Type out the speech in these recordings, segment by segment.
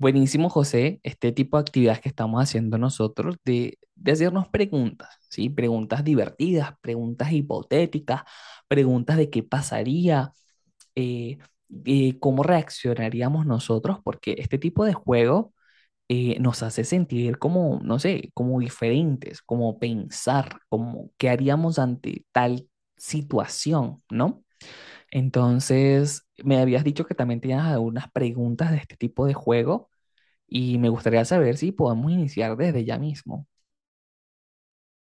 Buenísimo, José, este tipo de actividades que estamos haciendo nosotros de hacernos preguntas, ¿sí? Preguntas divertidas, preguntas hipotéticas, preguntas de qué pasaría, eh, cómo reaccionaríamos nosotros, porque este tipo de juego nos hace sentir como, no sé, como diferentes, como pensar, como qué haríamos ante tal situación, ¿no? Entonces, me habías dicho que también tenías algunas preguntas de este tipo de juego. Y me gustaría saber si podemos iniciar desde ya mismo.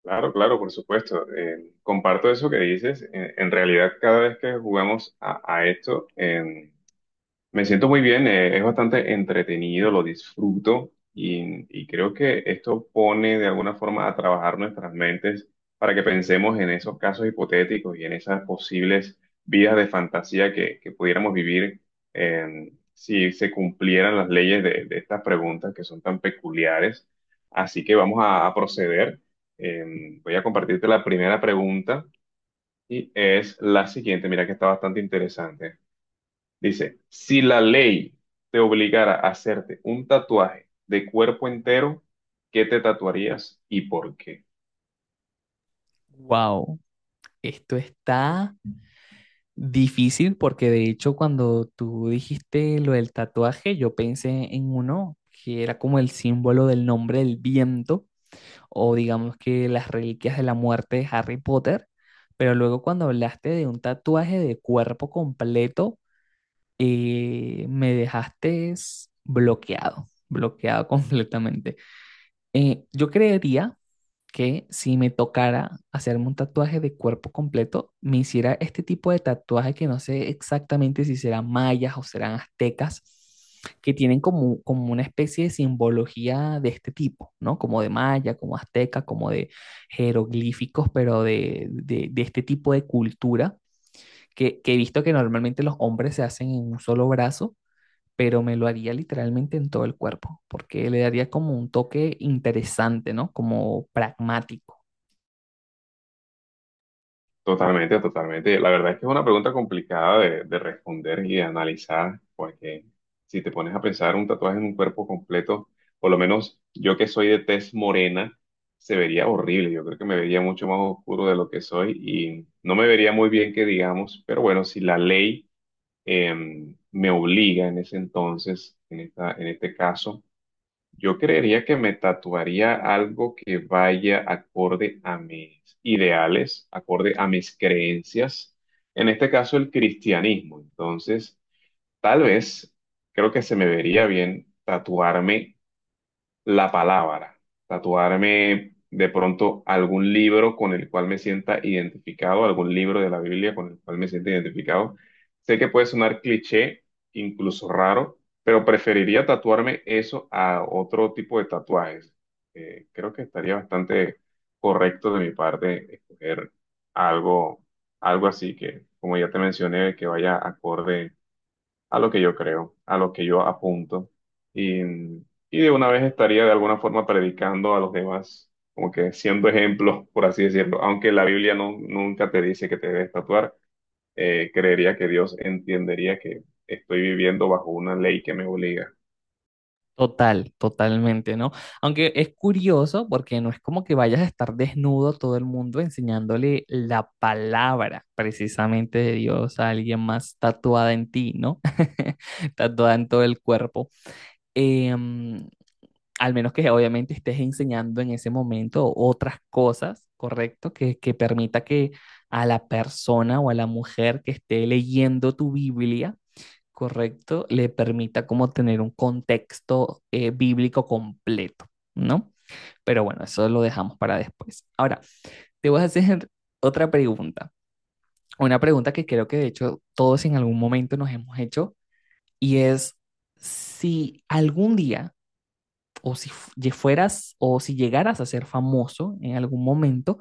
Claro, claro, por supuesto. Comparto eso que dices. En realidad, cada vez que jugamos a esto, me siento muy bien, es bastante entretenido, lo disfruto y creo que esto pone de alguna forma a trabajar nuestras mentes para que pensemos en esos casos hipotéticos y en esas posibles vidas de fantasía que pudiéramos vivir, si se cumplieran las leyes de estas preguntas que son tan peculiares. Así que vamos a proceder. Voy a compartirte la primera pregunta y es la siguiente, mira que está bastante interesante. Dice, si la ley te obligara a hacerte un tatuaje de cuerpo entero, ¿qué te tatuarías y por qué? Wow, esto está difícil porque de hecho cuando tú dijiste lo del tatuaje, yo pensé en uno que era como el símbolo del nombre del viento o digamos que las reliquias de la muerte de Harry Potter, pero luego cuando hablaste de un tatuaje de cuerpo completo, me dejaste bloqueado, bloqueado completamente. Yo creería que si me tocara hacerme un tatuaje de cuerpo completo, me hiciera este tipo de tatuaje que no sé exactamente si serán mayas o serán aztecas, que tienen como, como una especie de simbología de este tipo, ¿no? Como de maya, como azteca, como de jeroglíficos, pero de este tipo de cultura, que he visto que normalmente los hombres se hacen en un solo brazo, pero me lo haría literalmente en todo el cuerpo, porque le daría como un toque interesante, ¿no? Como pragmático. Totalmente, totalmente. La verdad es que es una pregunta complicada de responder y de analizar, porque si te pones a pensar un tatuaje en un cuerpo completo, por lo menos yo que soy de tez morena, se vería horrible. Yo creo que me vería mucho más oscuro de lo que soy y no me vería muy bien que digamos, pero bueno, si la ley me obliga en ese entonces, en en este caso, yo creería que me tatuaría algo que vaya acorde a mis ideales, acorde a mis creencias, en este caso el cristianismo. Entonces, tal vez creo que se me vería bien tatuarme la palabra, tatuarme de pronto algún libro con el cual me sienta identificado, algún libro de la Biblia con el cual me sienta identificado. Sé que puede sonar cliché, incluso raro, pero preferiría tatuarme eso a otro tipo de tatuajes. Creo que estaría bastante correcto de mi parte escoger algo, algo así que, como ya te mencioné, que vaya acorde a lo que yo creo, a lo que yo apunto. Y, y de una vez estaría de alguna forma predicando a los demás, como que siendo ejemplo, por así decirlo. Aunque la Biblia no, nunca te dice que te debes tatuar, creería que Dios entendería que estoy viviendo bajo una ley que me obliga. Total, totalmente, ¿no? Aunque es curioso porque no es como que vayas a estar desnudo todo el mundo enseñándole la palabra precisamente de Dios a alguien más tatuada en ti, ¿no? Tatuada en todo el cuerpo. Em, Al menos que obviamente estés enseñando en ese momento otras cosas, ¿correcto? Que permita que a la persona o a la mujer que esté leyendo tu Biblia correcto, le permita como tener un contexto bíblico completo, ¿no? Pero bueno, eso lo dejamos para después. Ahora, te voy a hacer otra pregunta, una pregunta que creo que de hecho todos en algún momento nos hemos hecho y es si algún día o si fueras o si llegaras a ser famoso en algún momento,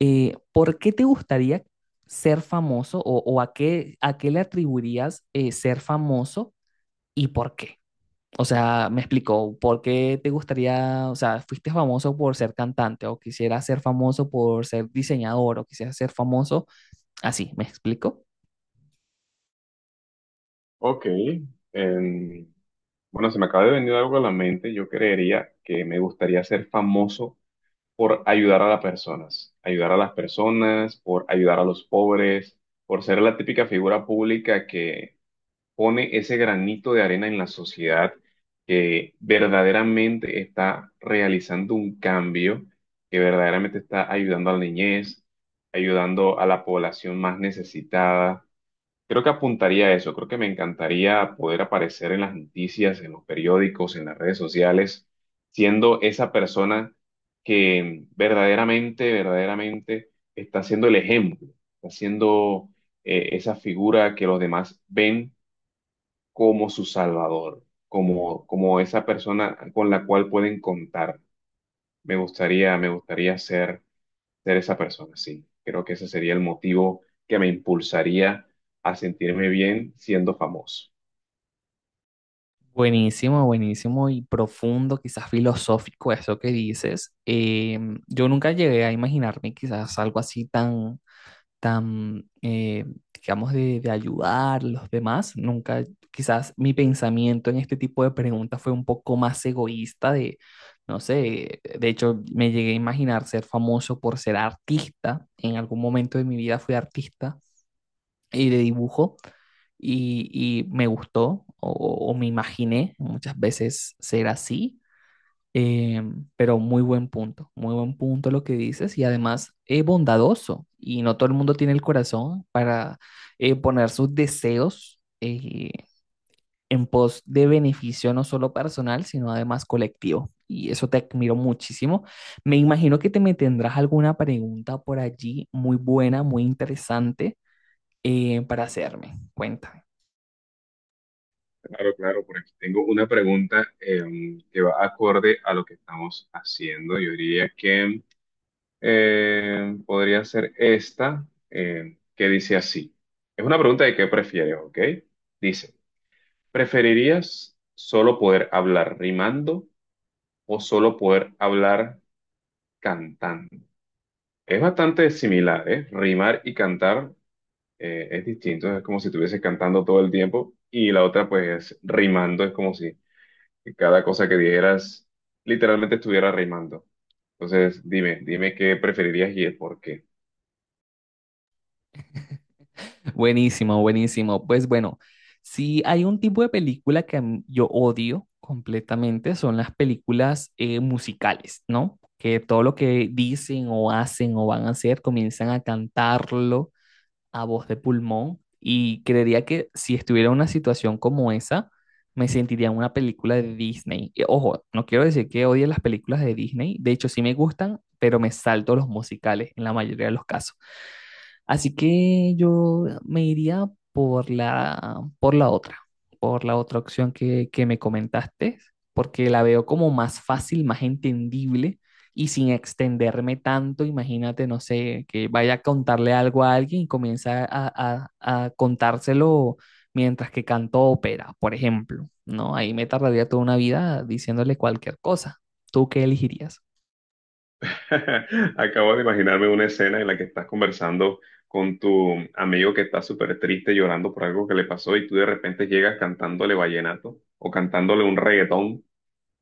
¿por qué te gustaría ser famoso o a qué le atribuirías ser famoso y por qué? O sea, me explicó por qué te gustaría, o sea, fuiste famoso por ser cantante o quisieras ser famoso por ser diseñador o quisieras ser famoso así, ¿me explico? Ok. em, bueno, se me acaba de venir algo a la mente. Yo creería que me gustaría ser famoso por ayudar a las personas, ayudar a las personas, por ayudar a los pobres, por ser la típica figura pública que pone ese granito de arena en la sociedad, que verdaderamente está realizando un cambio, que verdaderamente está ayudando a la niñez, ayudando a la población más necesitada. Creo que apuntaría a eso, creo que me encantaría poder aparecer en las noticias, en los periódicos, en las redes sociales, siendo esa persona que verdaderamente, verdaderamente está siendo el ejemplo, está siendo esa figura que los demás ven como su salvador, como, como esa persona con la cual pueden contar. Me gustaría ser esa persona, sí. Creo que ese sería el motivo que me impulsaría a sentirme bien siendo famoso. Buenísimo, buenísimo y profundo, quizás filosófico eso que dices. Yo nunca llegué a imaginarme quizás algo así tan, tan, digamos, de ayudar a los demás. Nunca, quizás mi pensamiento en este tipo de preguntas fue un poco más egoísta de, no sé, de hecho me llegué a imaginar ser famoso por ser artista. En algún momento de mi vida fui artista y de dibujo y me gustó o me imaginé muchas veces ser así eh, pero muy buen punto lo que dices y además es bondadoso y no todo el mundo tiene el corazón para poner sus deseos en pos de beneficio no solo personal, sino además colectivo. Y eso te admiro muchísimo. Me imagino que te me tendrás alguna pregunta por allí muy buena, muy interesante para hacerme. Cuéntame. Claro, claro, por aquí tengo una pregunta, que va acorde a lo que estamos haciendo. Yo diría que podría ser esta, que dice así. Es una pregunta de qué prefieres, ¿ok? Dice, ¿preferirías solo poder hablar rimando o solo poder hablar cantando? Es bastante similar, ¿eh? Rimar y cantar, es distinto, es como si estuvieses cantando todo el tiempo y la otra pues es rimando, es como si cada cosa que dijeras literalmente estuviera rimando. Entonces, dime, dime qué preferirías y el por qué. Buenísimo, buenísimo. Pues bueno, si hay un tipo de película que a mí- yo odio completamente, son las películas musicales, ¿no? Que todo lo que dicen o hacen o van a hacer comienzan a cantarlo a voz de pulmón. Y creería que si estuviera en una situación como esa, me sentiría en una película de Disney. Y, ojo, no quiero decir que odie las películas de Disney, de hecho sí me gustan, pero me salto los musicales en la mayoría de los casos. Así que yo me iría por la, por la otra, por la otra opción que me comentaste, porque la veo como más fácil, más entendible y sin extenderme tanto. Imagínate, no sé, que vaya a contarle algo a alguien y comienza a, a contárselo mientras que canto ópera, por ejemplo, ¿no? Ahí me tardaría toda una vida diciéndole cualquier cosa. ¿Tú qué elegirías? Acabo de imaginarme una escena en la que estás conversando con tu amigo que está súper triste llorando por algo que le pasó y tú de repente llegas cantándole vallenato o cantándole un reggaetón.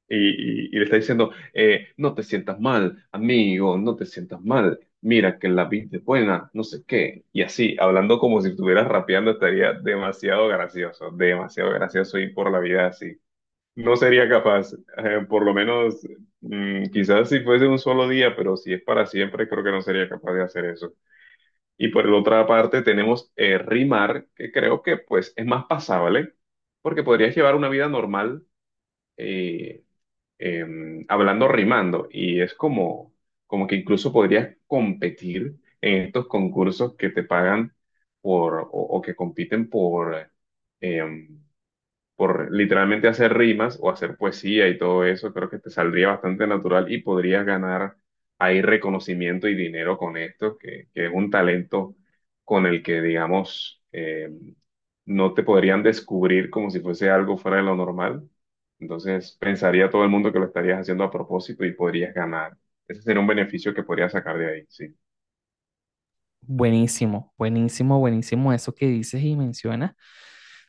Y le está diciendo, no te sientas mal, amigo, no te sientas mal, mira que la vida es buena, no sé qué. Y así, hablando como si estuvieras rapeando, estaría demasiado gracioso ir por la vida así. No sería capaz, por lo menos, quizás si fuese un solo día, pero si es para siempre, creo que no sería capaz de hacer eso. Y por la otra parte tenemos, rimar, que creo que pues es más pasable, porque podrías llevar una vida normal. eh, eh, Hablando rimando y es como, como que incluso podrías competir en estos concursos que te pagan por o que compiten eh, por literalmente hacer rimas o hacer poesía y todo eso, creo que te saldría bastante natural y podrías ganar ahí reconocimiento y dinero con esto, que es un talento con el que, digamos, no te podrían descubrir como si fuese algo fuera de lo normal. Entonces, pensaría todo el mundo que lo estarías haciendo a propósito y podrías ganar. Ese sería un beneficio que podrías sacar de ahí, sí. Buenísimo, buenísimo, buenísimo eso que dices y mencionas.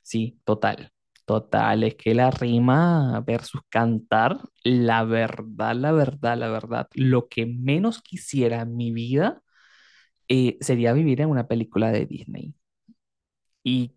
Sí, total, total. Es que la rima versus cantar, la verdad, la verdad, la verdad, lo que menos quisiera en mi vida sería vivir en una película de Disney. Y